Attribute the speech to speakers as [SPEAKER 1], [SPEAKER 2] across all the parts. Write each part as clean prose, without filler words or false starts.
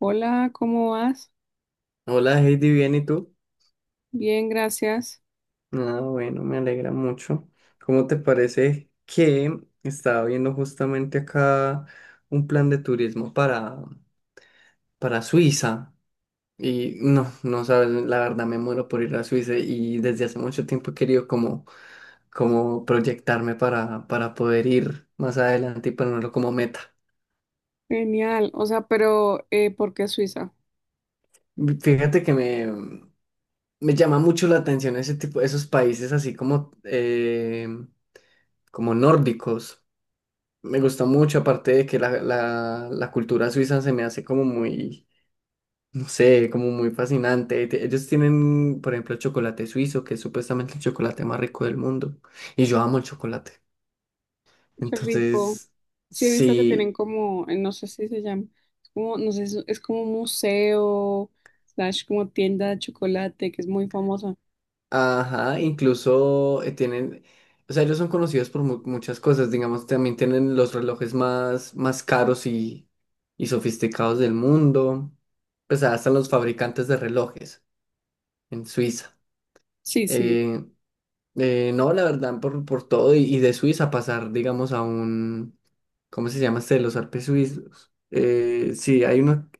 [SPEAKER 1] Hola, ¿cómo vas?
[SPEAKER 2] Hola Heidi, bien, ¿y tú?
[SPEAKER 1] Bien, gracias.
[SPEAKER 2] Ah, bueno, me alegra mucho. ¿Cómo te parece que estaba viendo justamente acá un plan de turismo para Suiza? Y no, no sabes, la verdad me muero por ir a Suiza y desde hace mucho tiempo he querido como proyectarme para poder ir más adelante y ponerlo como meta.
[SPEAKER 1] Genial. O sea, pero ¿por qué Suiza?
[SPEAKER 2] Fíjate que me llama mucho la atención ese tipo, esos países así como nórdicos. Me gusta mucho, aparte de que la cultura suiza se me hace como muy, no sé, como muy fascinante. Ellos tienen, por ejemplo, el chocolate suizo, que es supuestamente el chocolate más rico del mundo. Y yo amo el chocolate.
[SPEAKER 1] Qué rico.
[SPEAKER 2] Entonces,
[SPEAKER 1] Sí, he visto que tienen
[SPEAKER 2] sí,
[SPEAKER 1] como, no sé si se llama, es como, no sé, es como un museo, slash como tienda de chocolate, que es muy famosa.
[SPEAKER 2] ajá, incluso tienen, o sea, ellos son conocidos por muchas cosas. Digamos, también tienen los relojes más caros y sofisticados del mundo. Pues hasta los fabricantes de relojes en Suiza.
[SPEAKER 1] Sí, sí,
[SPEAKER 2] Eh, no, la verdad, por todo, y de Suiza pasar, digamos, a un, ¿cómo se llama este? Los Alpes suizos. Sí, hay uno,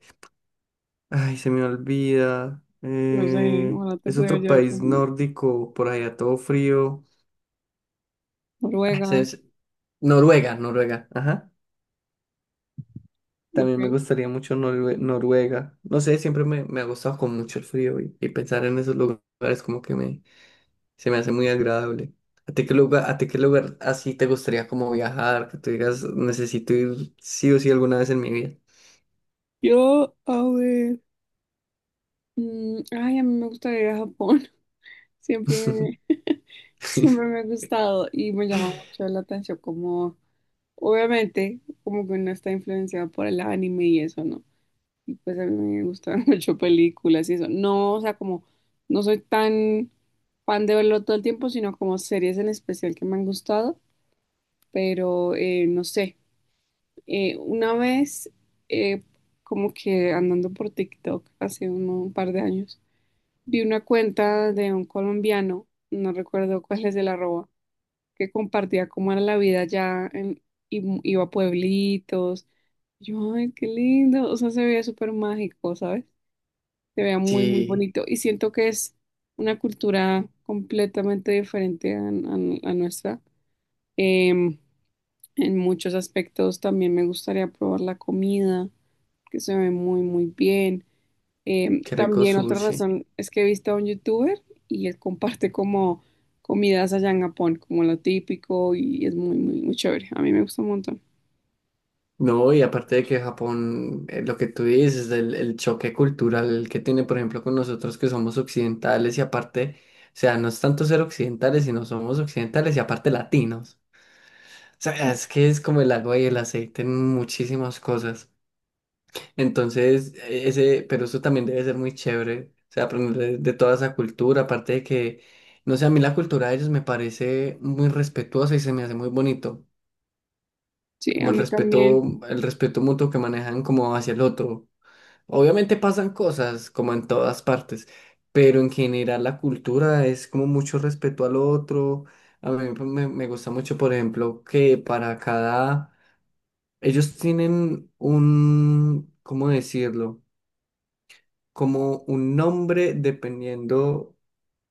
[SPEAKER 2] ay, se me olvida.
[SPEAKER 1] no sé, ojalá te
[SPEAKER 2] Es
[SPEAKER 1] pudiera
[SPEAKER 2] otro
[SPEAKER 1] llevar
[SPEAKER 2] país
[SPEAKER 1] con
[SPEAKER 2] nórdico, por allá todo frío. Ah,
[SPEAKER 1] Noruega,
[SPEAKER 2] Noruega, Noruega, ajá.
[SPEAKER 1] ok.
[SPEAKER 2] También me gustaría mucho Noruega. No sé, siempre me ha gustado con mucho el frío y pensar en esos lugares como que me, se me hace muy agradable. ¿A ti qué lugar así te gustaría como viajar? Que tú digas, necesito ir sí o sí alguna vez en mi vida.
[SPEAKER 1] Yo, a ver, ay, a mí me gustaría ir a Japón, siempre siempre me ha gustado y me llama mucho la atención como. Obviamente, como que uno está influenciado por el anime y eso, ¿no? Y pues a mí me gustan mucho películas y eso. No, o sea, como no soy tan fan de verlo todo el tiempo, sino como series en especial que me han gustado, pero no sé. Una vez, eh, como que andando por TikTok hace un par de años, vi una cuenta de un colombiano, no recuerdo cuál es el arroba que compartía cómo era la vida allá en, y iba a pueblitos. Yo, ay, qué lindo. O sea, se veía súper mágico, ¿sabes? Se veía muy, muy
[SPEAKER 2] Sí,
[SPEAKER 1] bonito. Y siento que es una cultura completamente diferente a, a nuestra. Em, en muchos aspectos también me gustaría probar la comida, que se ve muy, muy bien.
[SPEAKER 2] qué rico
[SPEAKER 1] También otra
[SPEAKER 2] sushi.
[SPEAKER 1] razón es que he visto a un youtuber y él comparte como comidas allá en Japón, como lo típico y es muy, muy, muy chévere. A mí me gusta un montón.
[SPEAKER 2] No, y aparte de que Japón, lo que tú dices, del el choque cultural que tiene, por ejemplo, con nosotros que somos occidentales y aparte, o sea, no es tanto ser occidentales, sino somos occidentales y aparte latinos. O sea, es que es como el agua y el aceite en muchísimas cosas. Entonces, ese, pero eso también debe ser muy chévere, o sea, aprender de toda esa cultura, aparte de que, no sé, a mí la cultura de ellos me parece muy respetuosa y se me hace muy bonito,
[SPEAKER 1] Sí, a
[SPEAKER 2] como
[SPEAKER 1] mí también.
[SPEAKER 2] el respeto mutuo que manejan como hacia el otro. Obviamente pasan cosas como en todas partes, pero en general la cultura es como mucho respeto al otro. A mí me gusta mucho, por ejemplo, que para cada. Ellos tienen un, ¿cómo decirlo? Como un nombre dependiendo,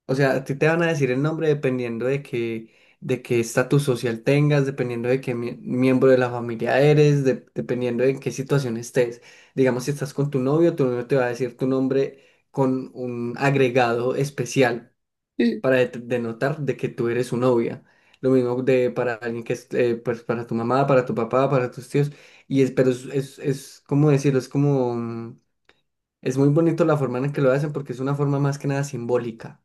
[SPEAKER 2] o sea, a ti te van a decir el nombre dependiendo de qué estatus social tengas, dependiendo de qué miembro de la familia eres, dependiendo de en qué situación estés. Digamos, si estás con tu novio te va a decir tu nombre con un agregado especial
[SPEAKER 1] Sí,
[SPEAKER 2] para denotar de que tú eres su novia. Lo mismo de para alguien que es, pues para tu mamá, para tu papá, para tus tíos. Y es, pero es como decirlo, es como, es muy bonito la forma en que lo hacen porque es una forma más que nada simbólica.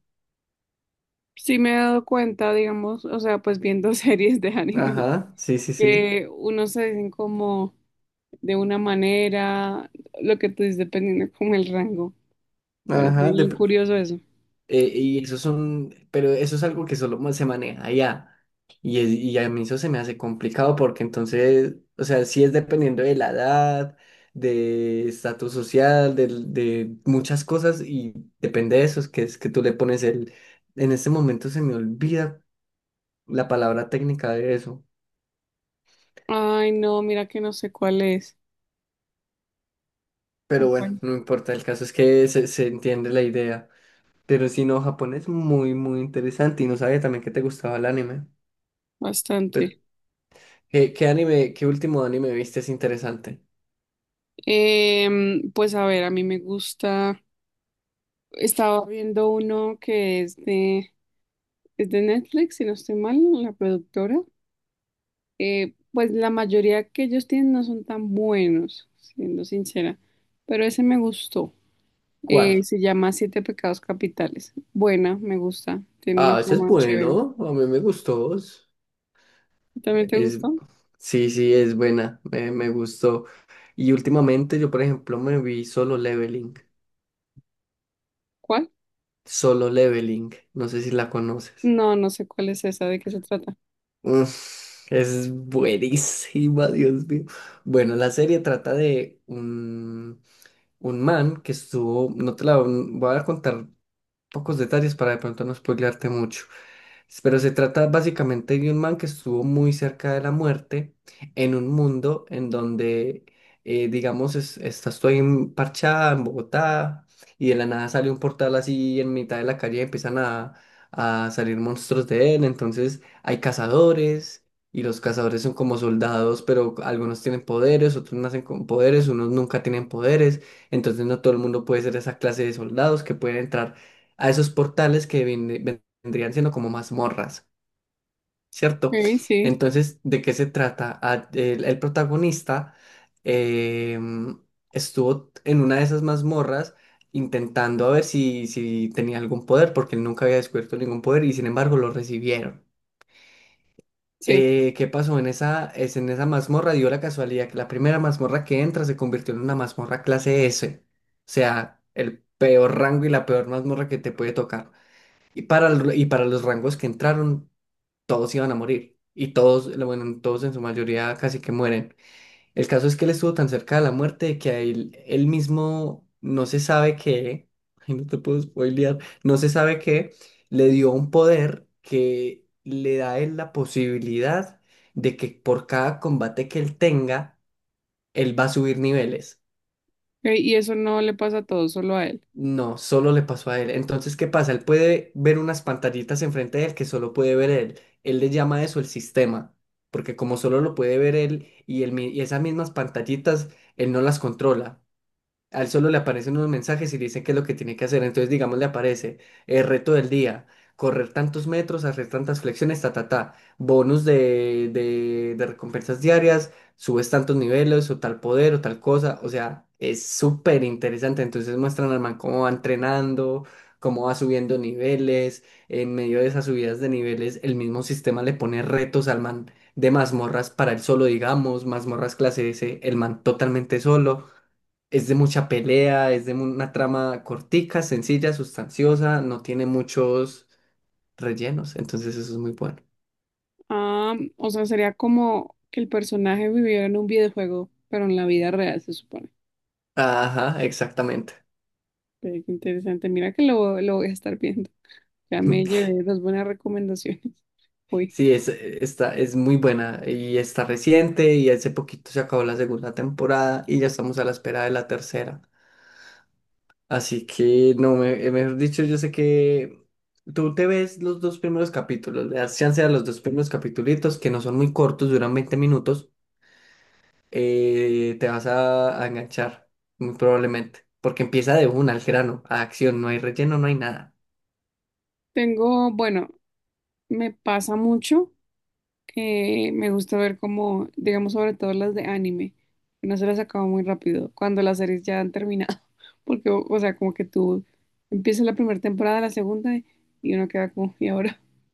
[SPEAKER 1] sí me he dado cuenta, digamos, o sea, pues viendo series de anime,
[SPEAKER 2] Ajá, sí, sí, sí.
[SPEAKER 1] que unos se dicen como de una manera, lo que tú dices, dependiendo como el rango. Parece
[SPEAKER 2] Ajá,
[SPEAKER 1] bien curioso eso.
[SPEAKER 2] y eso son, pero eso es algo que solo se maneja allá. Y a mí eso se me hace complicado porque entonces, o sea, sí es dependiendo de la edad, de estatus social, muchas cosas y depende de eso, es que tú le pones el. En este momento se me olvida la palabra técnica de eso,
[SPEAKER 1] Ay, no, mira que no sé cuál es.
[SPEAKER 2] pero bueno,
[SPEAKER 1] Compañero.
[SPEAKER 2] no importa, el caso es que se entiende la idea. Pero si no, Japón es muy, muy interesante y no sabía también que te gustaba el anime. Pe-
[SPEAKER 1] Bastante.
[SPEAKER 2] ¿Qué último anime viste es interesante?
[SPEAKER 1] Pues a ver, a mí me gusta. Estaba viendo uno que es de Netflix, si no estoy mal, la productora. Pues la mayoría que ellos tienen no son tan buenos, siendo sincera. Pero ese me gustó.
[SPEAKER 2] ¿Cuál?
[SPEAKER 1] Se llama Siete Pecados Capitales. Buena, me gusta. Tiene una
[SPEAKER 2] Ah, ese es
[SPEAKER 1] trama chévere.
[SPEAKER 2] bueno, a mí me gustó.
[SPEAKER 1] ¿También te
[SPEAKER 2] Es-
[SPEAKER 1] gustó?
[SPEAKER 2] sí, sí, es buena, me gustó. Y últimamente yo, por ejemplo, me vi Solo Leveling.
[SPEAKER 1] ¿Cuál?
[SPEAKER 2] Solo Leveling, no sé si la conoces.
[SPEAKER 1] No, no sé cuál es esa, de qué se trata.
[SPEAKER 2] Uf, es buenísima, Dios mío. Bueno, la serie trata de un man que estuvo, no te la voy a contar pocos detalles para de pronto no spoilearte mucho, pero se trata básicamente de un man que estuvo muy cerca de la muerte en un mundo en donde, digamos, estás tú ahí en Parchá, en Bogotá, y de la nada sale un portal así en mitad de la calle y empiezan a salir monstruos de él. Entonces hay cazadores y los cazadores son como soldados, pero algunos tienen poderes, otros nacen con poderes, unos nunca tienen poderes. Entonces no todo el mundo puede ser esa clase de soldados que pueden entrar a esos portales que vienen vendrían siendo como mazmorras, ¿cierto?
[SPEAKER 1] Ok, sí,
[SPEAKER 2] Entonces, ¿de qué se trata? Ah, el protagonista em, estuvo en una de esas mazmorras intentando a ver si tenía algún poder, porque él nunca había descubierto ningún poder y sin embargo lo recibieron.
[SPEAKER 1] sí.
[SPEAKER 2] ¿Qué pasó? En esa mazmorra dio la casualidad que la primera mazmorra que entra se convirtió en una mazmorra clase S, o sea, el peor rango y la peor mazmorra que te puede tocar. Y para los rangos que entraron, todos iban a morir. Bueno, todos en su mayoría casi que mueren. El caso es que él estuvo tan cerca de la muerte que a él, él mismo no se sabe qué, ay, no te puedo spoilear, no se sabe qué, le dio un poder que le da a él la posibilidad de que por cada combate que él tenga, él va a subir niveles.
[SPEAKER 1] Ok, y eso no le pasa a todos, solo a él.
[SPEAKER 2] No, solo le pasó a él. Entonces, ¿qué pasa? Él puede ver unas pantallitas enfrente de él que solo puede ver él. Él le llama a eso el sistema, porque como solo lo puede ver él y esas mismas pantallitas, él no las controla. Al solo le aparecen unos mensajes y dicen qué es lo que tiene que hacer. Entonces, digamos, le aparece el reto del día, correr tantos metros, hacer tantas flexiones, ta, ta, ta, bonus de recompensas diarias, subes tantos niveles o tal poder o tal cosa. O sea, es súper interesante. Entonces muestran al man cómo va entrenando, cómo va subiendo niveles. En medio de esas subidas de niveles, el mismo sistema le pone retos al man de mazmorras para él solo, digamos, mazmorras clase S, el man totalmente solo. Es de mucha pelea, una trama cortica, sencilla, sustanciosa, no tiene muchos rellenos, entonces eso es muy bueno.
[SPEAKER 1] Ah, o sea, sería como que el personaje viviera en un videojuego, pero en la vida real, se supone.
[SPEAKER 2] Ajá, exactamente.
[SPEAKER 1] Ve, qué interesante. Mira que lo voy a estar viendo. Ya me llevé dos buenas recomendaciones. Uy,
[SPEAKER 2] Sí, es muy buena y está reciente y hace poquito se acabó la segunda temporada y ya estamos a la espera de la tercera. Así que, no, mejor dicho, yo sé que tú te ves los dos primeros capítulos, le das chance a los dos primeros capítulos que no son muy cortos, duran 20 minutos te vas a enganchar, muy probablemente, porque empieza de una al grano, a acción, no hay relleno, no hay nada.
[SPEAKER 1] tengo, bueno, me pasa mucho. Me gusta ver como, digamos, sobre todo las de anime, que no se las acaba muy rápido, cuando las series ya han terminado, porque, o sea, como que tú empiezas la primera temporada, la segunda, y uno queda como, ¿y ahora?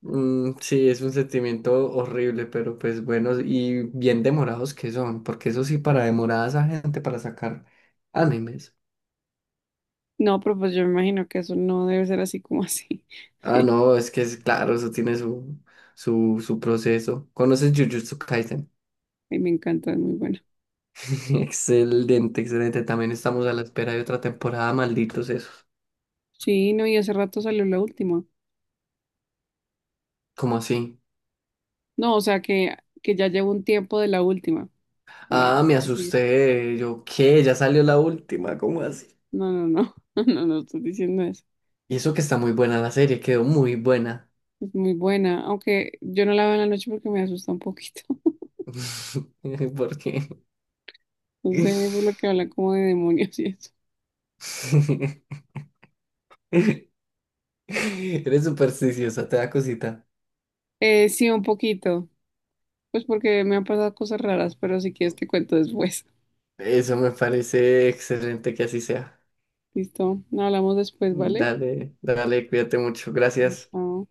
[SPEAKER 2] Mm, sí, es un sentimiento horrible, pero pues bueno, y bien demorados que son, porque eso sí, para demorar a esa gente para sacar animes.
[SPEAKER 1] No, pero pues yo me imagino que eso no debe ser así como así.
[SPEAKER 2] Ah, no, es que es claro, eso tiene su proceso. ¿Conoces Jujutsu Kaisen?
[SPEAKER 1] Ay, me encanta, es muy bueno.
[SPEAKER 2] Excelente, excelente. También estamos a la espera de otra temporada, malditos esos.
[SPEAKER 1] Sí, no, y hace rato salió la última.
[SPEAKER 2] ¿Cómo así?
[SPEAKER 1] No, o sea, que ya llevo un tiempo de la última, para
[SPEAKER 2] Ah, me
[SPEAKER 1] la que sigue.
[SPEAKER 2] asusté. Yo, ¿qué? Ya salió la última, ¿cómo así?
[SPEAKER 1] No, no, no, no, no, no estoy diciendo eso.
[SPEAKER 2] Y eso que está muy buena la serie, quedó muy buena.
[SPEAKER 1] Es muy buena, aunque yo no la veo en la noche porque me asusta un poquito.
[SPEAKER 2] ¿Por qué?
[SPEAKER 1] No sé, por lo que habla como de demonios y eso.
[SPEAKER 2] Eres supersticiosa, te da cosita.
[SPEAKER 1] Sí, un poquito. Pues porque me han pasado cosas raras, pero si quieres te cuento después.
[SPEAKER 2] Eso me parece excelente que así sea.
[SPEAKER 1] Listo, no hablamos después, ¿vale?
[SPEAKER 2] Dale, dale, cuídate mucho. Gracias.
[SPEAKER 1] Chao.